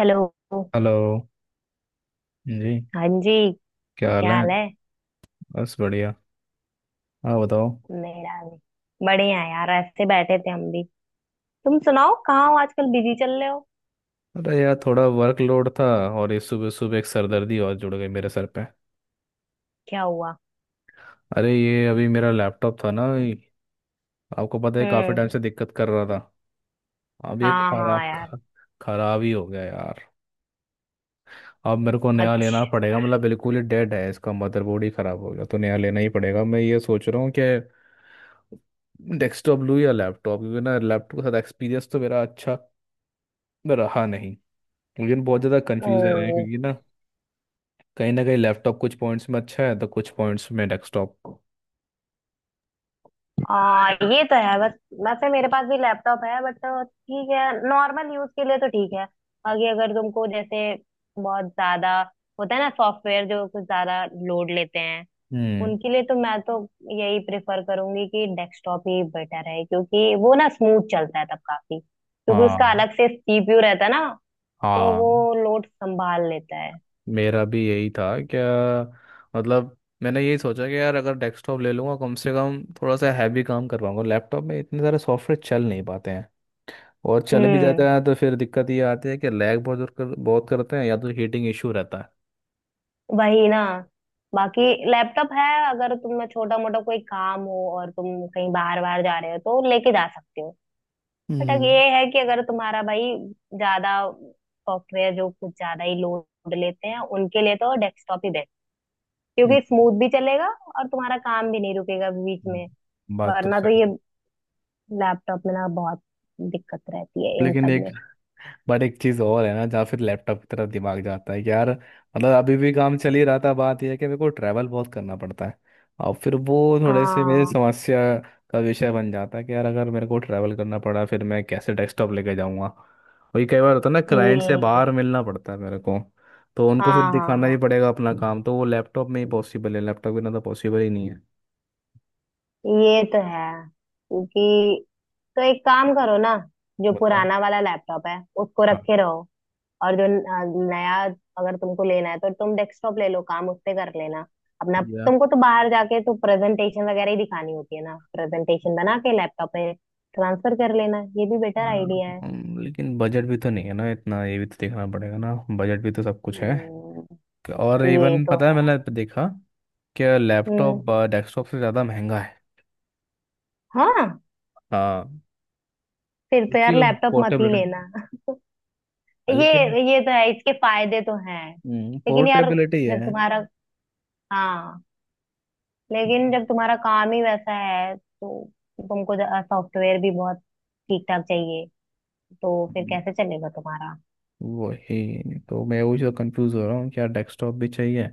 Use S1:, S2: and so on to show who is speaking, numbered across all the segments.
S1: Hello.
S2: Hello जी।
S1: हाँ जी।
S2: क्या हाल
S1: क्या
S2: है?
S1: हाल है?
S2: बस बढ़िया। हाँ बताओ।
S1: मेरा भी बढ़िया है यार, ऐसे बैठे थे हम भी। तुम सुनाओ, कहाँ हो आजकल, बिजी चल रहे हो?
S2: अरे यार थोड़ा वर्कलोड था। और ये सुबह सुबह एक सरदर्दी और जुड़ गई मेरे सर पे।
S1: क्या हुआ?
S2: अरे ये अभी मेरा लैपटॉप था ना, ये आपको पता है, काफ़ी
S1: हम्म।
S2: टाइम से दिक्कत कर रहा था। अब ये
S1: हाँ हाँ
S2: खराब।
S1: यार।
S2: खराब ही हो गया यार। अब मेरे को नया लेना
S1: अच्छा।
S2: पड़ेगा, मतलब बिल्कुल ही डेड है, इसका मदरबोर्ड ही खराब हो गया, तो नया लेना ही पड़ेगा। मैं ये सोच रहा हूँ कि डेस्कटॉप लूँ या लैपटॉप, क्योंकि ना लैपटॉप के साथ एक्सपीरियंस तो मेरा अच्छा रहा नहीं। मुझे बहुत ज़्यादा कन्फ्यूज़न है,
S1: ओ।
S2: क्योंकि ना, कहीं ना कहीं लैपटॉप कुछ पॉइंट्स में अच्छा है तो कुछ पॉइंट्स में डेस्कटॉप।
S1: ये तो है बस। वैसे मेरे पास भी लैपटॉप है बट ठीक है, नॉर्मल यूज के लिए तो ठीक है। बाकी अगर तुमको जैसे बहुत ज्यादा होता है ना, सॉफ्टवेयर जो कुछ ज्यादा लोड लेते हैं,
S2: हम्म।
S1: उनके लिए तो मैं तो यही प्रेफर करूंगी कि डेस्कटॉप ही बेटर है, क्योंकि वो ना स्मूथ चलता है तब काफी, क्योंकि उसका
S2: हाँ
S1: अलग से सीपीयू रहता है ना, तो वो
S2: हाँ।
S1: लोड संभाल लेता है।
S2: मेरा भी यही था। क्या? मतलब मैंने यही सोचा कि यार अगर डेस्कटॉप ले लूँगा, कम से कम थोड़ा सा हैवी काम कर पाऊंगा, लैपटॉप में इतने सारे सॉफ्टवेयर चल नहीं पाते हैं। और चल भी जाते
S1: हम्म।
S2: हैं तो फिर दिक्कत ये आती है कि लैग बहुत करते हैं, या तो हीटिंग इशू रहता है।
S1: वही ना। बाकी लैपटॉप है, अगर तुम्हें छोटा मोटा कोई काम हो और तुम कहीं बाहर बाहर जा रहे हो तो लेके जा सकते हो। बट अगर
S2: हम्म।
S1: ये है कि अगर तुम्हारा भाई ज्यादा सॉफ्टवेयर जो कुछ ज्यादा ही लोड लेते हैं, उनके लिए तो डेस्कटॉप ही, क्योंकि स्मूथ भी चलेगा और तुम्हारा काम भी नहीं रुकेगा बीच में।
S2: हम्म, बात तो
S1: वरना तो
S2: सही
S1: ये
S2: है।
S1: लैपटॉप में ना बहुत दिक्कत रहती है इन
S2: लेकिन
S1: सब
S2: एक
S1: में।
S2: बट एक चीज और है ना, जहाँ फिर लैपटॉप की तरफ दिमाग जाता है कि यार, मतलब अभी भी काम चल ही रहा था, बात यह है कि मेरे को ट्रैवल बहुत करना पड़ता है। और फिर वो थोड़े से मेरी
S1: हाँ।
S2: समस्या का विषय बन जाता है, कि यार अगर मेरे को ट्रैवल करना पड़ा, फिर मैं कैसे डेस्कटॉप लेके जाऊँगा। वही कई बार होता है ना, क्लाइंट से
S1: ये।
S2: बाहर मिलना पड़ता है मेरे को। तो उनको फिर
S1: हाँ हाँ
S2: दिखाना ही
S1: हाँ,
S2: पड़ेगा अपना काम, तो वो लैपटॉप में ही पॉसिबल है, लैपटॉप बिना तो पॉसिबल ही नहीं है।
S1: ये तो है। क्योंकि तो एक काम करो ना, जो
S2: बताओ।
S1: पुराना वाला लैपटॉप है उसको
S2: हाँ।
S1: रखे रहो। और जो नया अगर तुमको लेना है तो तुम डेस्कटॉप ले लो, काम उससे कर लेना अपना।
S2: या,
S1: तुमको तो बाहर जाके तो प्रेजेंटेशन वगैरह ही दिखानी होती है ना, प्रेजेंटेशन बना के लैपटॉप में ट्रांसफर कर लेना, ये भी बेटर आइडिया।
S2: लेकिन बजट भी तो नहीं है ना इतना, ये भी तो देखना पड़ेगा ना, बजट भी तो सब कुछ है।
S1: हम्म,
S2: और
S1: ये
S2: इवन
S1: तो
S2: पता है,
S1: है।
S2: मैंने देखा कि
S1: हम्म।
S2: लैपटॉप डेस्कटॉप से ज़्यादा महंगा है।
S1: हाँ।
S2: हाँ।
S1: फिर तो यार लैपटॉप मत ही
S2: पोर्टेबल है।
S1: लेना।
S2: लेकिन
S1: ये तो है, इसके फायदे तो हैं। लेकिन यार,
S2: पोर्टेबिलिटी
S1: जब
S2: है।
S1: तुम्हारा हाँ, लेकिन जब तुम्हारा काम ही वैसा है तो तुमको सॉफ्टवेयर भी बहुत ठीक ठाक चाहिए, तो फिर
S2: हम्म,
S1: कैसे चलेगा तुम्हारा?
S2: वही तो मैं वही तो कंफ्यूज हो रहा हूँ, क्या डेस्कटॉप भी चाहिए।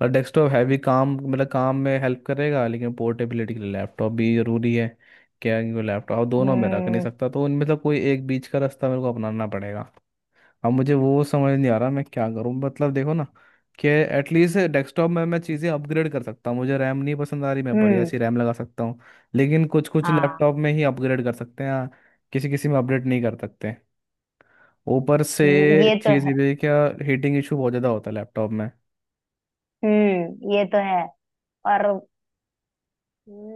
S2: पर डेस्कटॉप हैवी काम, मतलब काम में हेल्प करेगा, लेकिन पोर्टेबिलिटी के लिए लैपटॉप भी ज़रूरी है। क्या वो लैपटॉप दोनों में रख नहीं
S1: हम्म
S2: सकता, तो उनमें से कोई एक बीच का रास्ता मेरे को अपनाना पड़ेगा। अब मुझे वो समझ नहीं आ रहा मैं क्या करूँ, मतलब देखो ना, कि एटलीस्ट डेस्कटॉप में मैं चीज़ें अपग्रेड कर सकता हूँ, मुझे रैम नहीं पसंद आ रही, मैं बढ़िया
S1: हम्म।
S2: सी रैम लगा सकता हूँ। लेकिन कुछ कुछ
S1: हाँ।
S2: लैपटॉप में ही अपग्रेड कर सकते हैं, किसी किसी में अपडेट नहीं कर सकते। ऊपर से
S1: ये तो
S2: चीज़ ये
S1: है।
S2: भी है क्या, हीटिंग इशू बहुत ज़्यादा होता है लैपटॉप में।
S1: हम्म। ये तो है। और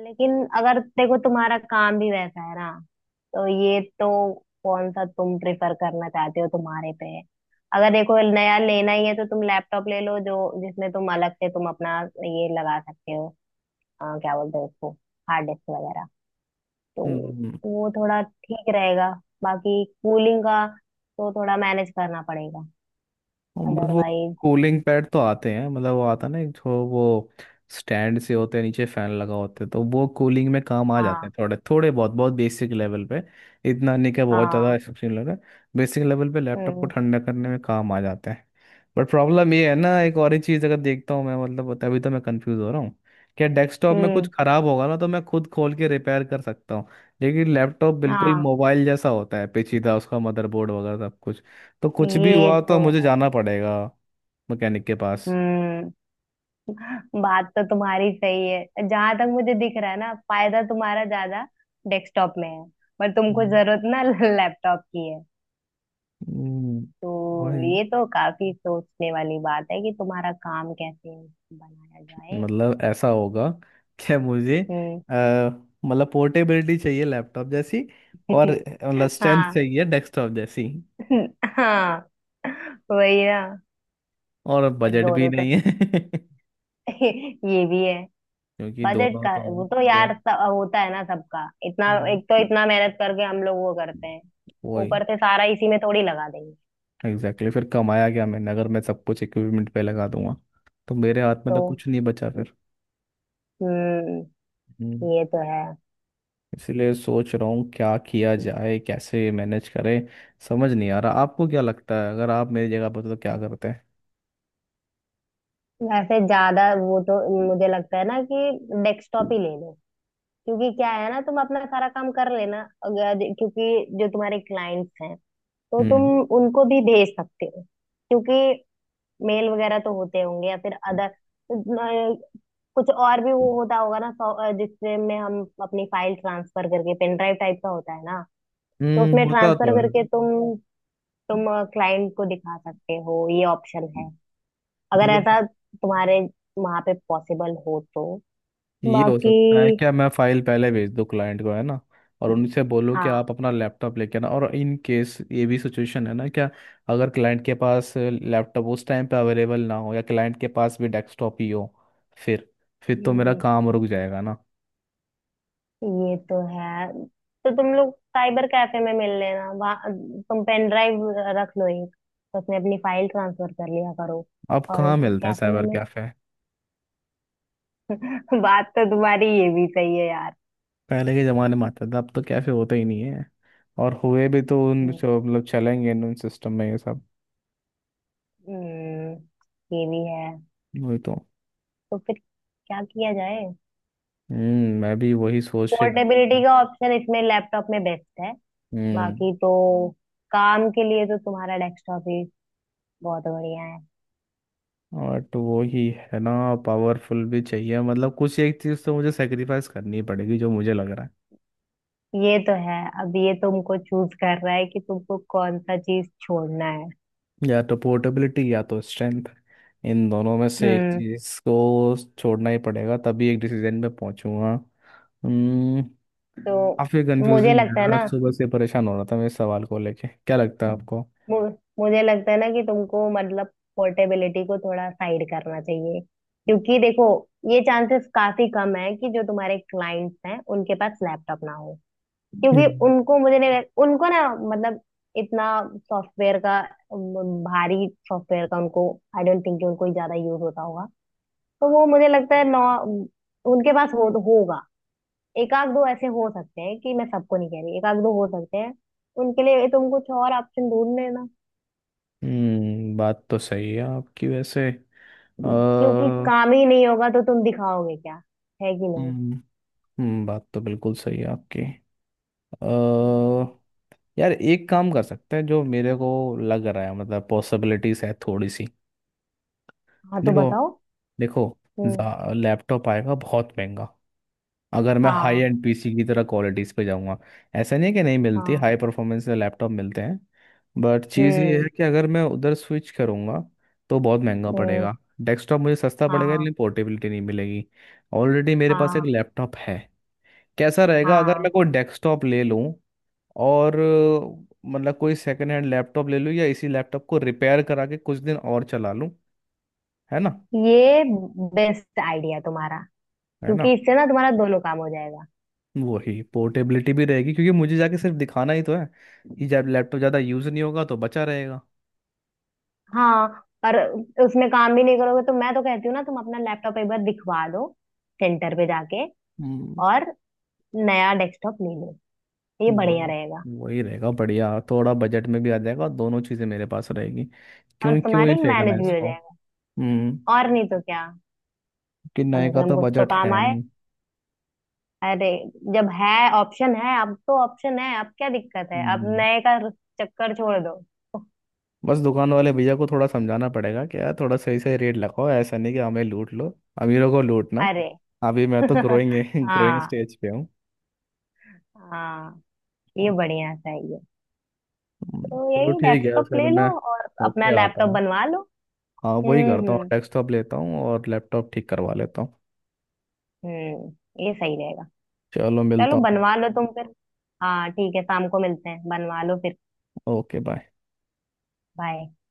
S1: लेकिन अगर देखो तुम्हारा काम भी वैसा है ना, तो ये तो कौन सा तुम प्रेफर करना चाहते हो तुम्हारे पे है। अगर देखो नया लेना ही है तो तुम लैपटॉप ले लो, जो जिसमें तुम अलग से तुम अपना ये लगा सकते हो, क्या बोलते हो उसको, हार्ड डिस्क वगैरह, तो
S2: हम्म।
S1: वो थोड़ा ठीक रहेगा। बाकी कूलिंग का तो थोड़ा मैनेज करना पड़ेगा,
S2: बट वो
S1: अदरवाइज।
S2: कूलिंग पैड तो आते हैं, मतलब वो आता है ना, एक जो वो स्टैंड से होते हैं, नीचे फैन लगा होते हैं, तो वो कूलिंग में काम आ जाते
S1: हाँ।
S2: हैं थोड़े थोड़े, बहुत बहुत बेसिक लेवल पे। इतना नहीं, क्या बहुत ज़्यादा
S1: हाँ।
S2: एक्सेप्शनल लग रहा है, बेसिक लेवल पे लैपटॉप को
S1: हम्म।
S2: ठंडा करने में काम आ जाते हैं। बट प्रॉब्लम ये है ना, एक और ही चीज़ अगर देखता हूँ मैं, मतलब तभी तो मैं कंफ्यूज हो रहा हूँ, क्या डेस्कटॉप में कुछ
S1: हम्म।
S2: खराब होगा ना तो मैं खुद खोल के रिपेयर कर सकता हूँ। लेकिन लैपटॉप बिल्कुल
S1: हाँ।
S2: मोबाइल जैसा होता है पेचीदा, उसका मदरबोर्ड वगैरह सब कुछ, तो कुछ भी
S1: ये
S2: हुआ तो
S1: तो
S2: मुझे
S1: है।
S2: जाना पड़ेगा मैकेनिक के पास।
S1: हम्म। बात तो तुम्हारी सही है, जहां तक मुझे दिख रहा है ना, फायदा तुम्हारा ज्यादा डेस्कटॉप में है, पर तुमको
S2: हम्म।
S1: जरूरत ना लैपटॉप की है,
S2: हम्म।
S1: तो
S2: वही।
S1: ये तो काफी सोचने वाली बात है कि तुम्हारा काम कैसे बनाया जाए।
S2: मतलब ऐसा होगा कि मुझे
S1: हम्म।
S2: अ, मतलब पोर्टेबिलिटी चाहिए लैपटॉप जैसी, और मतलब स्ट्रेंथ
S1: हाँ।
S2: चाहिए डेस्कटॉप जैसी,
S1: हाँ। वही ना।
S2: और
S1: पर
S2: बजट भी
S1: दोनों तो
S2: नहीं है
S1: ये भी है।
S2: क्योंकि
S1: बजट
S2: दोनों
S1: का
S2: तो,
S1: वो तो
S2: दो,
S1: यार होता है ना सबका, इतना
S2: वही।
S1: एक तो इतना मेहनत करके हम लोग वो करते हैं,
S2: वही
S1: ऊपर से सारा इसी में थोड़ी लगा देंगे।
S2: Exactly exactly। फिर कमाया क्या मैंने, अगर मैं सब कुछ इक्विपमेंट पे लगा दूंगा तो मेरे हाथ में तो
S1: तो
S2: कुछ नहीं बचा
S1: हम्म,
S2: फिर।
S1: ये तो है।
S2: इसलिए सोच रहा हूँ क्या किया जाए, कैसे मैनेज करें, समझ नहीं आ रहा। आपको क्या लगता है, अगर आप मेरी जगह पर तो क्या करते हैं?
S1: वैसे ज्यादा वो तो मुझे लगता है ना कि डेस्कटॉप ही ले लो, क्योंकि क्या है ना, तुम अपना सारा काम कर लेना, अगर क्योंकि जो तुम्हारे क्लाइंट्स हैं तो तुम
S2: हम्म।
S1: उनको भी भेज सकते हो, क्योंकि मेल वगैरह तो होते होंगे, या फिर अदर कुछ और भी वो होता होगा ना, जिससे में हम अपनी फाइल ट्रांसफर करके, पेन ड्राइव टाइप का होता है ना, तो
S2: हम्म,
S1: उसमें
S2: होता तो
S1: ट्रांसफर
S2: है।
S1: करके तुम क्लाइंट को दिखा सकते हो, ये ऑप्शन है अगर
S2: मतलब
S1: ऐसा तुम्हारे वहां पे पॉसिबल हो तो।
S2: ये हो
S1: बाकी।
S2: सकता है क्या, मैं फाइल पहले भेज दूँ क्लाइंट को है ना, और उनसे बोलूँ कि
S1: हाँ।
S2: आप अपना लैपटॉप लेके आना। और इन केस ये भी सिचुएशन है ना क्या, अगर क्लाइंट के पास लैपटॉप उस टाइम पे अवेलेबल ना हो, या क्लाइंट के पास भी डेस्कटॉप ही हो, फिर फिर तो मेरा
S1: हम्म।
S2: काम रुक जाएगा ना।
S1: ये तो है। तो तुम लोग साइबर कैफे में मिल लेना, वहाँ तुम पेन ड्राइव रख लो एक, तो उसमें अपनी फाइल ट्रांसफर कर लिया करो।
S2: अब
S1: और
S2: कहाँ मिलते हैं
S1: कैफे में
S2: साइबर
S1: मिल।
S2: कैफे,
S1: बात तो तुम्हारी ये भी सही है यार।
S2: पहले के ज़माने में आता था, अब तो कैफे होते ही नहीं है। और हुए भी तो उन, जो
S1: हम्म
S2: मतलब चलेंगे उन सिस्टम में ये सब।
S1: हम्म, ये भी है।
S2: वही तो।
S1: तो फिर क्या किया जाए?
S2: मैं भी वही सोच के करता
S1: पोर्टेबिलिटी
S2: था।
S1: का ऑप्शन इसमें लैपटॉप में बेस्ट है,
S2: हम्म।
S1: बाकी तो काम के लिए तो तुम्हारा डेस्कटॉप ही बहुत बढ़िया है।
S2: और तो वही है ना, पावरफुल भी चाहिए, मतलब कुछ एक चीज़ तो मुझे सेक्रीफाइस करनी पड़ेगी जो मुझे लग रहा
S1: ये तो है, अब ये तुमको चूज कर रहा है कि तुमको कौन सा चीज छोड़ना है।
S2: है, या तो पोर्टेबिलिटी या तो स्ट्रेंथ, इन दोनों में
S1: हम्म
S2: से एक
S1: हम्म,
S2: चीज़ को छोड़ना ही पड़ेगा, तभी एक डिसीजन पे पहुंचूंगा। हम्म,
S1: तो
S2: काफी
S1: मुझे
S2: कंफ्यूजिंग है
S1: लगता है
S2: यार,
S1: ना,
S2: सुबह से परेशान हो रहा था मैं इस सवाल को लेके। क्या लगता है आपको?
S1: मु, कि तुमको मतलब पोर्टेबिलिटी को थोड़ा साइड करना चाहिए, क्योंकि देखो ये चांसेस काफी कम है कि जो तुम्हारे क्लाइंट्स हैं उनके पास लैपटॉप ना हो, क्योंकि
S2: हम्म।
S1: उनको मुझे नहीं उनको ना मतलब इतना सॉफ्टवेयर का भारी सॉफ्टवेयर का उनको आई डोंट थिंक कि उनको ज्यादा यूज होता होगा, तो वो मुझे लगता है नौ उनके पास हो होगा, एक आध दो ऐसे हो सकते हैं कि मैं सबको नहीं कह रही, एक आध दो हो सकते हैं, उनके लिए तुम कुछ और ऑप्शन ढूंढ लेना,
S2: बात तो सही है आपकी वैसे।
S1: क्योंकि काम ही नहीं होगा तो तुम दिखाओगे क्या, है कि नहीं।
S2: हम्म। बात तो बिल्कुल सही है आपकी। अ,
S1: हम्म।
S2: यार एक काम कर सकते हैं, जो मेरे को लग रहा है, मतलब पॉसिबिलिटीज है थोड़ी सी।
S1: हाँ तो
S2: देखो।
S1: बताओ।
S2: देखो।
S1: हम्म।
S2: लैपटॉप आएगा बहुत महंगा, अगर मैं हाई
S1: हाँ।
S2: एंड पीसी की तरह क्वालिटीज़ पे जाऊँगा। ऐसा नहीं है कि नहीं मिलती,
S1: हाँ।
S2: हाई परफॉर्मेंस के लैपटॉप मिलते हैं। बट चीज़ ये
S1: हम्म।
S2: है कि अगर मैं उधर स्विच करूँगा तो बहुत महंगा
S1: हम्म।
S2: पड़ेगा, डेस्कटॉप मुझे सस्ता पड़ेगा,
S1: हाँ।
S2: लेकिन पोर्टेबिलिटी नहीं मिलेगी। ऑलरेडी मेरे पास एक
S1: हाँ।
S2: लैपटॉप है। कैसा रहेगा अगर
S1: हाँ।
S2: मैं कोई डेस्कटॉप ले लूँ, और मतलब कोई सेकेंड हैंड लैपटॉप ले लूँ, या इसी लैपटॉप को रिपेयर करा के कुछ दिन और चला लूँ, है ना?
S1: ये बेस्ट आइडिया तुम्हारा,
S2: है ना?
S1: क्योंकि इससे ना तुम्हारा दोनों काम हो जाएगा।
S2: वही पोर्टेबिलिटी भी रहेगी, क्योंकि मुझे जाके सिर्फ दिखाना ही तो है, ये जब लैपटॉप ज़्यादा यूज़ नहीं होगा तो बचा रहेगा।
S1: हाँ। पर उसमें काम भी नहीं करोगे, तो मैं तो कहती हूँ ना, तुम अपना लैपटॉप एक बार दिखवा दो सेंटर पे जाके,
S2: हम्म।
S1: और नया डेस्कटॉप ले लो, ये बढ़िया
S2: वही।
S1: रहेगा।
S2: वही रहेगा बढ़िया, थोड़ा बजट में भी आ जाएगा, दोनों चीज़ें मेरे पास रहेगी।
S1: और
S2: क्यों क्यों
S1: तुम्हारी
S2: ही फेंकना
S1: मैनेज
S2: है
S1: भी हो
S2: इसको।
S1: जाएगा,
S2: हम्म,
S1: और नहीं तो क्या,
S2: कि
S1: कम
S2: नए
S1: से
S2: का
S1: कम
S2: तो
S1: कुछ तो
S2: बजट
S1: काम
S2: है
S1: आए।
S2: नहीं।
S1: अरे जब है, ऑप्शन है अब, तो ऑप्शन है अब, क्या दिक्कत है, अब
S2: हम्म।
S1: नए का चक्कर छोड़ दो।
S2: बस दुकान वाले भैया को थोड़ा समझाना पड़ेगा, कि यार थोड़ा सही सही रेट लगाओ, ऐसा नहीं कि हमें लूट लो। अमीरों को लूटना,
S1: अरे
S2: अभी मैं तो ग्रोइंग ग्रोइंग
S1: हाँ।
S2: स्टेज पे हूँ।
S1: हाँ, ये बढ़िया चाहिए। तो
S2: चलो
S1: यही
S2: ठीक है
S1: डेस्कटॉप
S2: फिर
S1: ले लो
S2: मैं,
S1: और अपना
S2: ओके आता
S1: लैपटॉप
S2: हूँ।
S1: बनवा लो।
S2: हाँ वही करता हूँ,
S1: हम्म।
S2: डेस्कटॉप लेता हूँ और लैपटॉप ठीक करवा लेता हूँ।
S1: हम्म। ये सही रहेगा।
S2: चलो
S1: चलो
S2: मिलता हूँ सर।
S1: बनवा लो तुम फिर। हाँ ठीक है, शाम को मिलते हैं, बनवा लो फिर।
S2: Okay bye.
S1: बाय।